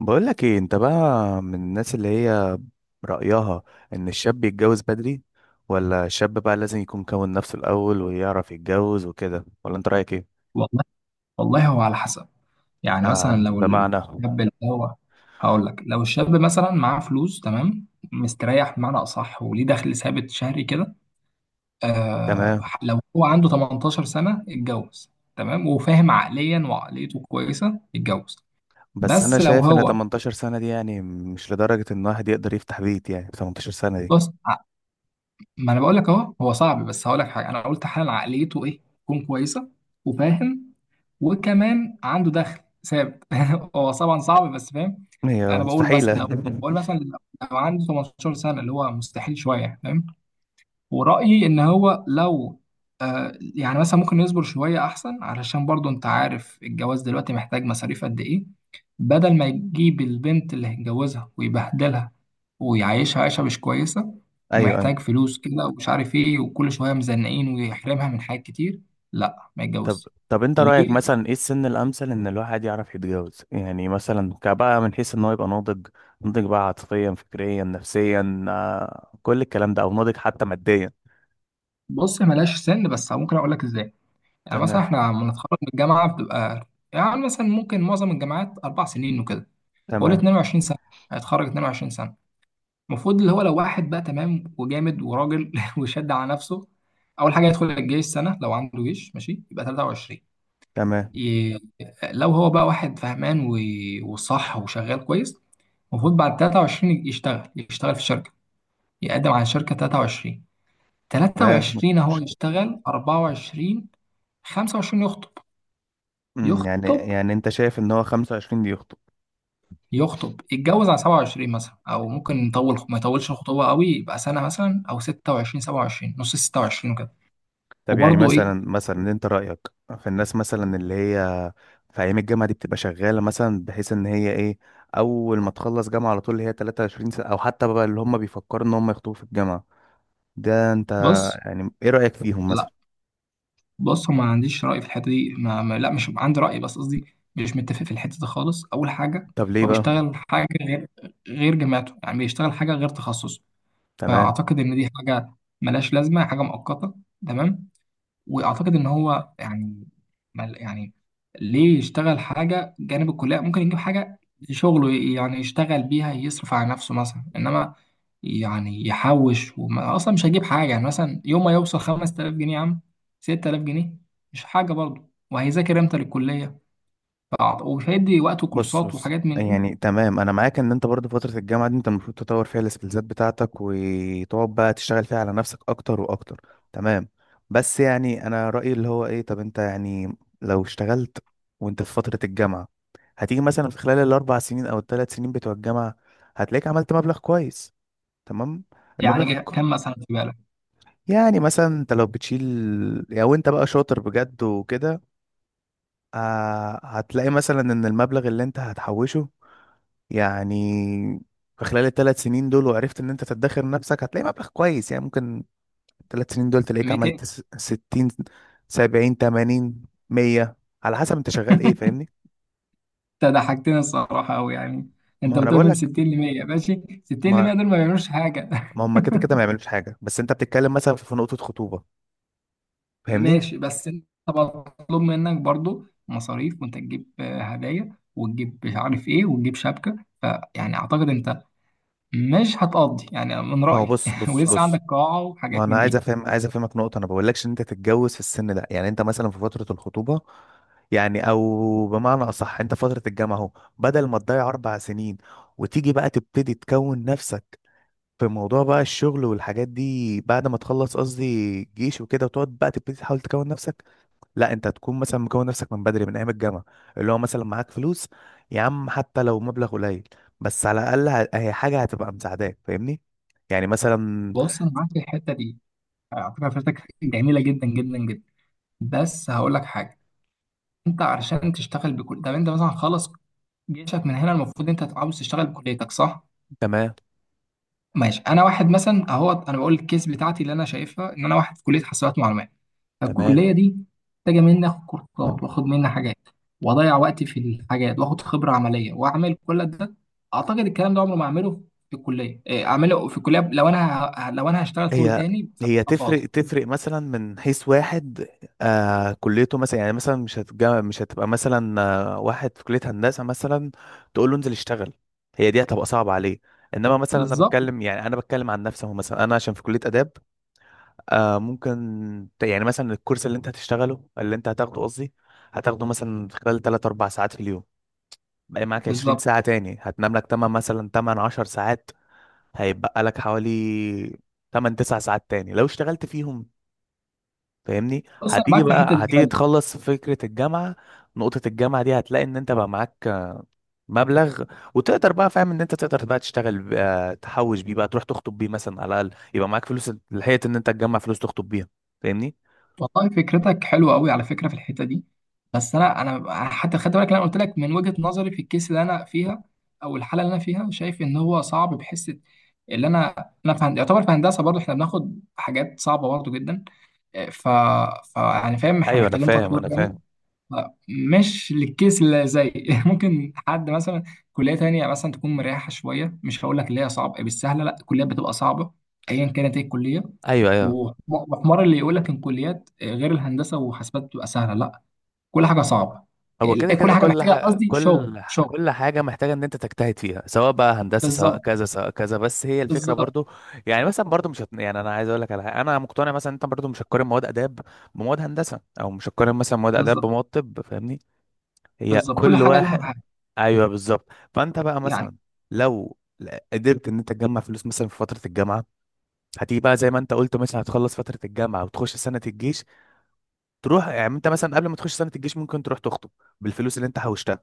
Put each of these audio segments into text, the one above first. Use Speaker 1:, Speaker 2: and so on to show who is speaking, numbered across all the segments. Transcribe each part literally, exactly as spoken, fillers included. Speaker 1: بقولك ايه انت بقى، من الناس اللي هي رأيها ان الشاب يتجوز بدري، ولا الشاب بقى لازم يكون كون نفسه الأول ويعرف يتجوز وكده، ولا انت رأيك ايه؟
Speaker 2: والله والله هو على حسب. يعني
Speaker 1: آه،
Speaker 2: مثلا لو
Speaker 1: بمعنى.
Speaker 2: الشاب اللي هو، هقول لك لو الشاب مثلا معاه فلوس، تمام، مستريح بمعنى اصح وليه دخل ثابت شهري كده. آه
Speaker 1: تمام.
Speaker 2: لو هو عنده تمنتاشر سنه اتجوز، تمام وفاهم عقليا وعقليته كويسه اتجوز.
Speaker 1: بس انا
Speaker 2: بس لو
Speaker 1: شايف ان
Speaker 2: هو
Speaker 1: تمنتاشر سنة دي يعني مش لدرجة ان واحد يقدر يفتح بيت، يعني ثمانية عشر سنة دي
Speaker 2: بص، ما انا بقول لك اهو، هو صعب بس هقول لك حاجه. انا قلت حال عقليته ايه؟ تكون كويسه وفاهم، وكمان عنده دخل ثابت. هو طبعا صعب بس فاهم.
Speaker 1: هي
Speaker 2: انا بقول مثلا
Speaker 1: مستحيلة.
Speaker 2: لو، بقول مثلا لو عنده ثماني عشرة سنه، اللي هو مستحيل شويه فاهم. ورأيي إن هو لو، آه يعني مثلا ممكن يصبر شوية أحسن، علشان برضو أنت عارف الجواز دلوقتي محتاج مصاريف قد إيه. بدل ما يجيب البنت اللي هيتجوزها ويبهدلها ويعيشها عيشة مش كويسة،
Speaker 1: ايوه.
Speaker 2: ومحتاج فلوس كده ومش عارف إيه، وكل شوية مزنقين ويحرمها من حاجات كتير، لا ما
Speaker 1: طب
Speaker 2: يتجوزش.
Speaker 1: طب انت رأيك
Speaker 2: ليه؟
Speaker 1: مثلا ايه السن الأمثل ان الواحد يعرف يتجوز، يعني مثلا كبقى من حيث ان هو يبقى ناضج؟ ناضج بقى عاطفيا فكريا نفسيا، آه، كل الكلام ده او ناضج حتى ماديا.
Speaker 2: بص، ملاش سن، بس ممكن أقول لك إزاي. يعني مثلا
Speaker 1: تمام،
Speaker 2: إحنا لما نتخرج من الجامعة بتبقى، يعني مثلا ممكن معظم الجامعات أربع سنين وكده، فقول
Speaker 1: تمام،
Speaker 2: اتنين وعشرين سنه، هيتخرج اتنين وعشرين سنه. المفروض اللي هو لو واحد بقى تمام وجامد وراجل وشد على نفسه، اول حاجه يدخل الجيش سنه لو عنده جيش، ماشي يبقى ثلاثة وعشرون.
Speaker 1: تمام،
Speaker 2: ي... لو هو بقى واحد فهمان و... وصح وشغال كويس، المفروض بعد تلاتة وعشرين يشتغل، يشتغل في شركه، يقدم على شركه تلاتة وعشرين،
Speaker 1: تمام،
Speaker 2: تلاتة وعشرين
Speaker 1: مفيش
Speaker 2: هو
Speaker 1: مشكلة.
Speaker 2: يشتغل اربعة وعشرين، خمسة وعشرين يخطب،
Speaker 1: أمم، يعني
Speaker 2: يخطب
Speaker 1: يعني انت شايف ان هو خمسة وعشرين دي يخطب؟
Speaker 2: يخطب يتجوز على سبعة وعشرين مثلا، او ممكن نطول ما يطولش الخطوبه قوي، يبقى سنه مثلا او ستة وعشرين، سبعة وعشرين، نص ستة وعشرين وكده.
Speaker 1: طب يعني
Speaker 2: وبرضه ايه،
Speaker 1: مثلا مثلا انت رأيك في الناس مثلا اللي هي في ايام الجامعة دي بتبقى شغالة مثلا بحيث ان هي ايه، اول ما تخلص جامعة على طول اللي هي تلاتة وعشرين سنة، او حتى بقى اللي هم بيفكروا ان هم يخطبوا في الجامعة؟ ده انت
Speaker 2: بص.
Speaker 1: يعني ايه رأيك فيهم
Speaker 2: لا،
Speaker 1: مثلا؟
Speaker 2: بص، ما عنديش راي في الحته دي. ما ما لا، مش عندي راي، بس قصدي مش متفق في الحته دي خالص. اول حاجه،
Speaker 1: طب ليه
Speaker 2: هو
Speaker 1: بقى؟
Speaker 2: بيشتغل حاجه غير، غير جامعته، يعني بيشتغل حاجه غير تخصصه.
Speaker 1: تمام.
Speaker 2: فاعتقد ان دي حاجه ملهاش لازمه، حاجه مؤقته، تمام. واعتقد ان هو يعني، مل- يعني ليه يشتغل حاجه جانب الكليه؟ ممكن يجيب حاجه شغله ي- يعني يشتغل بيها يصرف على نفسه مثلا، انما يعني يحوش، وما اصلا مش هيجيب حاجه. يعني مثلا يوم ما يوصل خمسة آلاف جنيه يا عم، ست آلاف جنيه، مش حاجه برضه، وهيذاكر امتى للكليه؟ فأعت- ومش هيدي وقته
Speaker 1: بص
Speaker 2: كورسات
Speaker 1: بص
Speaker 2: وحاجات من دي.
Speaker 1: يعني تمام، انا معاك ان انت برضه فترة الجامعة دي انت المفروض تطور فيها السكيلزات بتاعتك وتقعد بقى تشتغل فيها على نفسك اكتر واكتر. تمام. بس يعني انا رأيي اللي هو ايه، طب انت يعني لو اشتغلت وانت في فترة الجامعة، هتيجي مثلا في خلال الاربع سنين او الثلاث سنين بتوع الجامعة، هتلاقيك عملت مبلغ كويس. تمام. المبلغ
Speaker 2: يعني
Speaker 1: الك-
Speaker 2: كم مثلا في بالك؟
Speaker 1: يعني مثلا انت لو بتشيل، لو انت بقى شاطر بجد وكده، آه، هتلاقي مثلا ان المبلغ اللي انت هتحوشه يعني في خلال الثلاث سنين دول وعرفت ان انت تدخر نفسك، هتلاقي مبلغ كويس يعني. ممكن الثلاث سنين دول تلاقيك عملت
Speaker 2: مائتين؟
Speaker 1: س- ستين سبعين تمانين مية على حسب انت شغال ايه. فاهمني؟
Speaker 2: انت ضحكتني الصراحه قوي يعني.
Speaker 1: ما
Speaker 2: انت
Speaker 1: هو انا
Speaker 2: بتقول
Speaker 1: بقول
Speaker 2: من
Speaker 1: لك،
Speaker 2: ستين ل مية؟ ماشي، ستين ل مية
Speaker 1: ما
Speaker 2: دول ما بيعملوش حاجه.
Speaker 1: ما هم كده كده ما يعملوش حاجة، بس انت بتتكلم مثلا في نقطة خطوبة. فاهمني؟
Speaker 2: ماشي بس انت مطلوب منك برضو مصاريف، وانت تجيب آه، هدايا، وتجيب مش عارف ايه، وتجيب شبكة، فيعني اعتقد انت مش هتقضي يعني، من
Speaker 1: ما هو
Speaker 2: رأيي.
Speaker 1: بص بص
Speaker 2: ولسه
Speaker 1: بص
Speaker 2: عندك قاعة
Speaker 1: ما
Speaker 2: وحاجات
Speaker 1: انا
Speaker 2: من
Speaker 1: عايز
Speaker 2: دي.
Speaker 1: افهم عايز افهمك نقطه، انا بقولكش ان انت تتجوز في السن ده، يعني انت مثلا في فتره الخطوبه، يعني او بمعنى اصح انت فتره الجامعه اهو، بدل ما تضيع اربع سنين وتيجي بقى تبتدي تكون نفسك في موضوع بقى الشغل والحاجات دي بعد ما تخلص قصدي جيش وكده وتقعد بقى تبتدي تحاول تكون نفسك، لا، انت تكون مثلا مكون نفسك من بدري، من ايام الجامعه، اللي هو مثلا معاك فلوس، يا عم حتى لو مبلغ قليل بس على الاقل ه- هي حاجه هتبقى مساعداك. فاهمني؟ يعني مثلا.
Speaker 2: بص، انا معاك في الحتة دي على فكرة، فكرتك جميلة جدا جدا جدا، بس هقول لك حاجة. انت علشان تشتغل بكل، طب انت مثلا خلص جيشك من هنا، المفروض انت عاوز تشتغل بكليتك، صح؟
Speaker 1: تمام،
Speaker 2: ماشي، انا واحد مثلا اهو، انا بقول الكيس بتاعتي اللي انا شايفها، ان انا واحد في كلية حاسبات معلومات،
Speaker 1: تمام.
Speaker 2: فالكلية دي محتاجة مني آخد كورسات، وآخد مني حاجات، وأضيع وقتي في الحاجات، وآخد خبرة عملية، وأعمل كل ده. أعتقد الكلام ده عمره ما أعمله في الكلية، إيه، أعمله في الكلية لو أنا ه- لو أنا هشتغل شغل
Speaker 1: هي
Speaker 2: تاني
Speaker 1: هي
Speaker 2: فببقى فاضي.
Speaker 1: تفرق تفرق مثلا من حيث واحد، آه كليته مثلا، يعني مثلا مش هتجا مش هتبقى مثلا آه واحد في كلية هندسة مثلا تقول له انزل اشتغل، هي دي هتبقى صعبة عليه. انما مثلا انا
Speaker 2: بالظبط،
Speaker 1: بتكلم، يعني انا بتكلم عن نفسي اهو، مثلا انا عشان في كلية آداب، آه ممكن ت- يعني مثلا الكورس اللي انت هتشتغله، اللي انت هتاخده قصدي، هتاخده مثلا خلال ثلاث اربع ساعات في اليوم، بقى معاك عشرين
Speaker 2: بالظبط.
Speaker 1: ساعة تاني، هتنام لك ثمان مثلا، ثمان عشر ساعات، هيتبقى لك حوالي ثمان تسع ساعات تاني لو اشتغلت فيهم. فاهمني؟
Speaker 2: بص، أنا
Speaker 1: هتيجي
Speaker 2: معاك في الحتة
Speaker 1: بقى
Speaker 2: دي.
Speaker 1: هتيجي تخلص فكرة الجامعة، نقطة الجامعة دي هتلاقي ان انت بقى معاك مبلغ، وتقدر بقى، فاهم ان انت تقدر بقى تشتغل بقى تحوش بيه بقى تروح تخطب بيه مثلا، على الاقل يبقى معاك فلوس، لحقت ان انت تجمع فلوس تخطب بيها. فاهمني؟
Speaker 2: والله فكرتك حلوه قوي على فكره في الحته دي، بس انا انا حتى خدت بالك، انا قلت لك من وجهه نظري في الكيس اللي انا فيها، او الحاله اللي انا فيها، شايف ان هو صعب. بحس اللي انا انا في هن- يعتبر في هندسه برضه، احنا بناخد حاجات صعبه برضه جدا. ف... ف يعني فاهم احنا
Speaker 1: ايوه انا
Speaker 2: محتاجين
Speaker 1: فاهم،
Speaker 2: تطوير
Speaker 1: انا
Speaker 2: جامد.
Speaker 1: فاهم.
Speaker 2: ف- مش للكيس اللي زي ممكن حد مثلا كليه تانية مثلا تكون مريحه شويه، مش هقول لك اللي هي صعبه بالسهله، لا، الكليات بتبقى صعبه ايا كانت ايه الكليه.
Speaker 1: ايوه، ايوه.
Speaker 2: وح- وحمار اللي يقول لك ان كليات غير الهندسه وحاسبات بتبقى سهله، لا، كل حاجه صعبه.
Speaker 1: هو
Speaker 2: ال-
Speaker 1: كده
Speaker 2: إيه،
Speaker 1: كده
Speaker 2: كل حاجه
Speaker 1: كل
Speaker 2: محتاجه،
Speaker 1: ح...
Speaker 2: قصدي شغل
Speaker 1: كل ح-
Speaker 2: شغل.
Speaker 1: كل حاجة محتاجة ان انت تجتهد فيها، سواء بقى هندسة سواء
Speaker 2: بالظبط،
Speaker 1: كذا سواء كذا، بس هي الفكرة
Speaker 2: بالظبط.
Speaker 1: برضو. يعني مثلا برضو مش هت... يعني انا عايز اقول لك على حاجة انا مقتنع مثلا، انت برضو مش هتقارن مواد اداب بمواد هندسة، او مش هتقارن مثلا مواد اداب
Speaker 2: بالظبط،
Speaker 1: بمواد طب. فاهمني؟ هي
Speaker 2: بالظبط، كل
Speaker 1: كل
Speaker 2: حاجه لها
Speaker 1: واحد.
Speaker 2: حاجه،
Speaker 1: ايوه بالظبط. فانت بقى
Speaker 2: يعني.
Speaker 1: مثلا لو ل- قدرت ان انت تجمع فلوس مثلا في فترة الجامعة، هتيجي بقى زي ما انت قلت مثلا، هتخلص فترة الجامعة وتخش سنة الجيش، تروح يعني انت مثلا قبل ما تخش سنة الجيش ممكن تروح تخطب بالفلوس اللي انت حوشتها،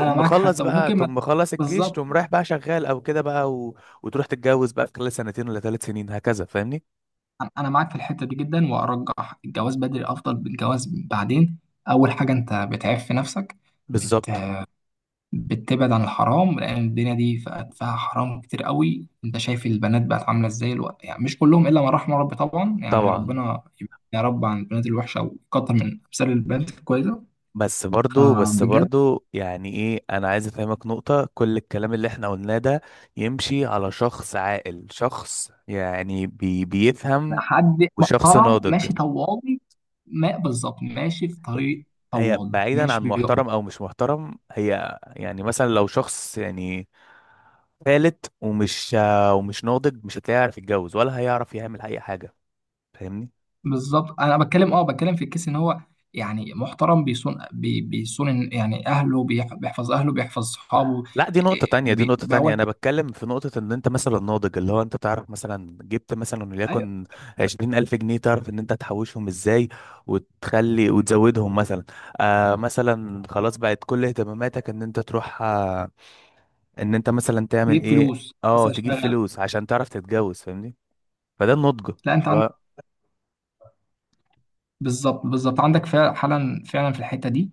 Speaker 2: انا معاك
Speaker 1: مخلص
Speaker 2: حتى،
Speaker 1: بقى،
Speaker 2: وممكن ما،
Speaker 1: تقوم مخلص الجيش
Speaker 2: بالظبط.
Speaker 1: تقوم رايح بقى شغال او كده بقى، و... وتروح تتجوز بقى في خلال سنتين ولا ثلاث سنين هكذا. فاهمني؟
Speaker 2: أنا أنا معاك في الحته دي جدا، وارجح الجواز بدري افضل من الجواز بعدين. اول حاجه، انت بتعف في نفسك،
Speaker 1: بالظبط.
Speaker 2: بتبعد عن الحرام، لان الدنيا دي فيها، فيها حرام كتير قوي. انت شايف البنات بقت عامله ازاي الوقت؟ يعني مش كلهم الا من رحم ربي طبعا. يعني
Speaker 1: طبعا. مم.
Speaker 2: ربنا يبعد يا رب عن البنات الوحشه، ويكتر من امثال البنات الكويسه،
Speaker 1: بس برضو، بس
Speaker 2: فبجد.
Speaker 1: برضو، يعني ايه، انا عايز افهمك نقطة، كل الكلام اللي احنا قلناه ده يمشي على شخص عاقل، شخص يعني بي... بيفهم،
Speaker 2: حد
Speaker 1: وشخص
Speaker 2: محترم
Speaker 1: ناضج.
Speaker 2: ماشي طوالي. ما بالظبط، ماشي في طريق
Speaker 1: هي
Speaker 2: طوالي،
Speaker 1: بعيدا
Speaker 2: مش
Speaker 1: عن
Speaker 2: بيقف.
Speaker 1: محترم او مش محترم، هي يعني مثلا لو شخص يعني فالت ومش ومش ناضج، مش هتلاقيه يعرف يتجوز ولا هيعرف يعمل اي حاجه. فاهمني؟
Speaker 2: بالظبط، انا بتكلم، اه بتكلم في الكيس ان هو يعني محترم، بيصون بي- بيصون يعني اهله، بيح- بيحفظ اهله، بيحفظ صحابه.
Speaker 1: لا، دي نقطة
Speaker 2: إيه،
Speaker 1: تانية، دي
Speaker 2: بي-
Speaker 1: نقطة تانية،
Speaker 2: بيعول،
Speaker 1: أنا بتكلم في نقطة إن أنت مثلا ناضج، اللي هو أنت تعرف مثلا جبت مثلا وليكن عشرين ألف جنيه، تعرف إن أنت تحوشهم إزاي وتخلي وتزودهم مثلا، آه مثلا خلاص بقت كل اهتماماتك إن أنت تروح، آه، ان انت مثلا تعمل
Speaker 2: تجيب
Speaker 1: ايه،
Speaker 2: فلوس بس،
Speaker 1: اه تجيب
Speaker 2: اشتغل.
Speaker 1: فلوس عشان تعرف تتجوز. فاهمني؟ فده النضج.
Speaker 2: لا، انت عندك،
Speaker 1: لا،
Speaker 2: بالظبط، بالظبط عندك فعلا، فعلا، فعلا في الحته دي.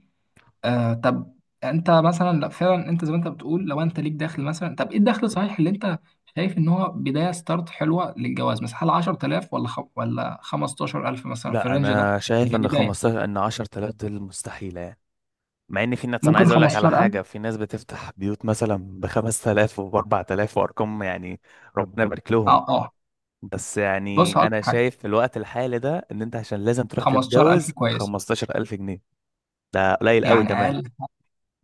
Speaker 2: آه، طب انت مثلا، لا فعلا، انت زي ما انت بتقول، لو انت ليك دخل مثلا، طب ايه الدخل صحيح اللي انت شايف ان هو بدايه ستارت حلوه للجواز؟ مثلا هل عشر آلاف ولا خ... ولا خمسة عشر ألفا مثلا في
Speaker 1: لا،
Speaker 2: الرينج ده،
Speaker 1: انا شايف ان
Speaker 2: كبدايه؟
Speaker 1: خمسة عشر، ان عشر تلاف دول مستحيله يعني، مع ان في ناس، انا
Speaker 2: ممكن
Speaker 1: عايز اقول لك على
Speaker 2: خمسة عشر ألف.
Speaker 1: حاجه، في ناس بتفتح بيوت مثلا ب خمس تلاف وب اربعة آلاف وارقام يعني، ربنا يبارك لهم.
Speaker 2: اه، اه.
Speaker 1: بس يعني
Speaker 2: بص هقول لك
Speaker 1: انا
Speaker 2: حاجه،
Speaker 1: شايف في الوقت الحالي ده ان انت عشان لازم تروح
Speaker 2: خمسة عشر ألف
Speaker 1: تتجوز
Speaker 2: كويس،
Speaker 1: خمستاشر الف جنيه. ده قليل قوي
Speaker 2: يعني
Speaker 1: كمان.
Speaker 2: اقل.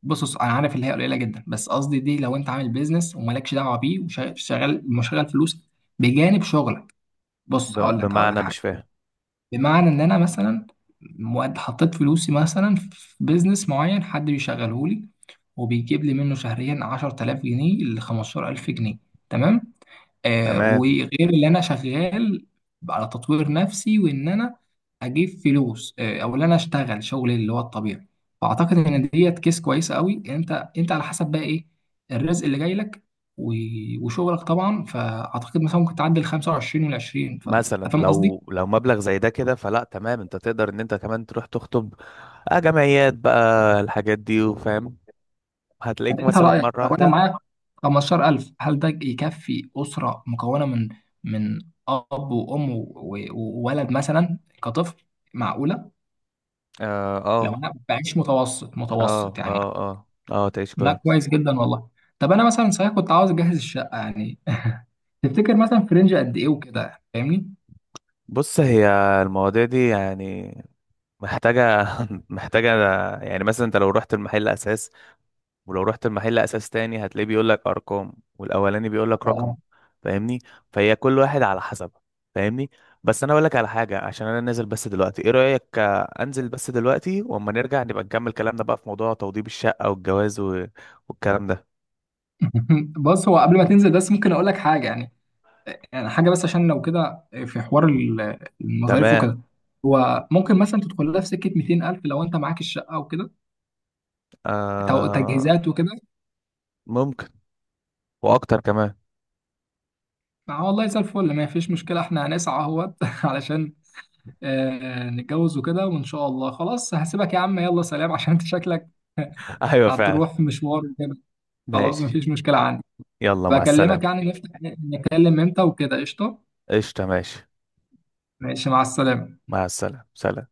Speaker 2: بص، بص، انا عارف اللي هي قليله جدا، بس قصدي دي لو انت عامل بيزنس ومالكش دعوه بيه، وشغال مشغل فلوس بجانب شغلك. بص
Speaker 1: ب-
Speaker 2: هقول لك، هقول لك
Speaker 1: بمعنى
Speaker 2: حاجه.
Speaker 1: مش فاهم.
Speaker 2: بمعنى ان انا مثلا، مؤد- حطيت فلوسي مثلا في بيزنس معين، حد بيشغله لي، وبيجيب لي منه شهريا عشر آلاف جنيه ل خمسة عشر ألف جنيه، تمام، آه،
Speaker 1: تمام.
Speaker 2: وغير اللي انا شغال على تطوير نفسي، وان انا اجيب فلوس، آه، او ان انا اشتغل شغل اللي هو الطبيعي. فاعتقد ان ديت كيس كويسه قوي. انت انت على حسب بقى ايه الرزق اللي جاي لك، و- وشغلك طبعا. فاعتقد مثلا ممكن تعدي ال خمسة وعشرين وال العشرين، فانت
Speaker 1: مثلا
Speaker 2: فاهم قصدي؟
Speaker 1: لو لو مبلغ زي ده كده، فلا تمام، انت تقدر ان انت كمان تروح تخطب، آه جمعيات بقى الحاجات دي وفاهم، هتلاقيك
Speaker 2: انت
Speaker 1: مثلا
Speaker 2: رايك
Speaker 1: مرة
Speaker 2: لو انا
Speaker 1: واحدة.
Speaker 2: معاك خمسة عشر ألف، هل ده يكفي اسره مكونه من، من اب وام و- و- وولد مثلا كطفل، معقوله؟
Speaker 1: اه،
Speaker 2: لو
Speaker 1: اه،
Speaker 2: انا بعيش متوسط، متوسط
Speaker 1: اه،
Speaker 2: يعني.
Speaker 1: اه، اه، آه تعيش
Speaker 2: لا،
Speaker 1: كويس.
Speaker 2: كويس جدا والله. طب انا مثلا صحيح كنت عاوز اجهز الشقه يعني، تفتكر مثلا في رينج قد ايه وكده، فاهمني؟
Speaker 1: بص، هي المواضيع دي يعني محتاجة. محتاجة يعني مثلا، انت لو رحت المحل اساس، ولو رحت المحل اساس تاني هتلاقيه بيقول لك ارقام، والاولاني بيقول لك رقم.
Speaker 2: اه.
Speaker 1: فاهمني؟ فهي كل واحد على حسب. فاهمني؟ بس انا اقول لك على حاجه، عشان انا نازل بس دلوقتي، ايه رايك، آه، انزل بس دلوقتي واما نرجع نبقى نكمل كلامنا بقى في موضوع توضيب الشقه والجواز و... والكلام ده.
Speaker 2: بص، هو قبل ما تنزل بس ممكن اقول لك حاجه يعني، يعني حاجه بس عشان لو كده في حوار ال- المصاريف
Speaker 1: تمام.
Speaker 2: وكده. هو ممكن مثلا تدخل لها في سكه ميتين ألف لو انت معاك الشقه وكده، تو-
Speaker 1: آه
Speaker 2: تجهيزات وكده.
Speaker 1: ممكن. واكتر كمان.
Speaker 2: آه والله زي الفل، ما فيش مشكلة، احنا هنسعى اهوت علشان آه، نتجوز وكده، وان شاء الله. خلاص، هسيبك يا عم، يلا سلام، عشان انت شكلك
Speaker 1: ايوه فعلا.
Speaker 2: هتروح مشوار وكده. خلاص، ما
Speaker 1: ماشي.
Speaker 2: فيش مشكلة عندي.
Speaker 1: يلا مع السلامه.
Speaker 2: بكلمك يعني، نفتح نتكلم امتى وكده، قشطة.
Speaker 1: قشطه. ماشي.
Speaker 2: ماشي، مع السلامة.
Speaker 1: مع السلامه. سلام.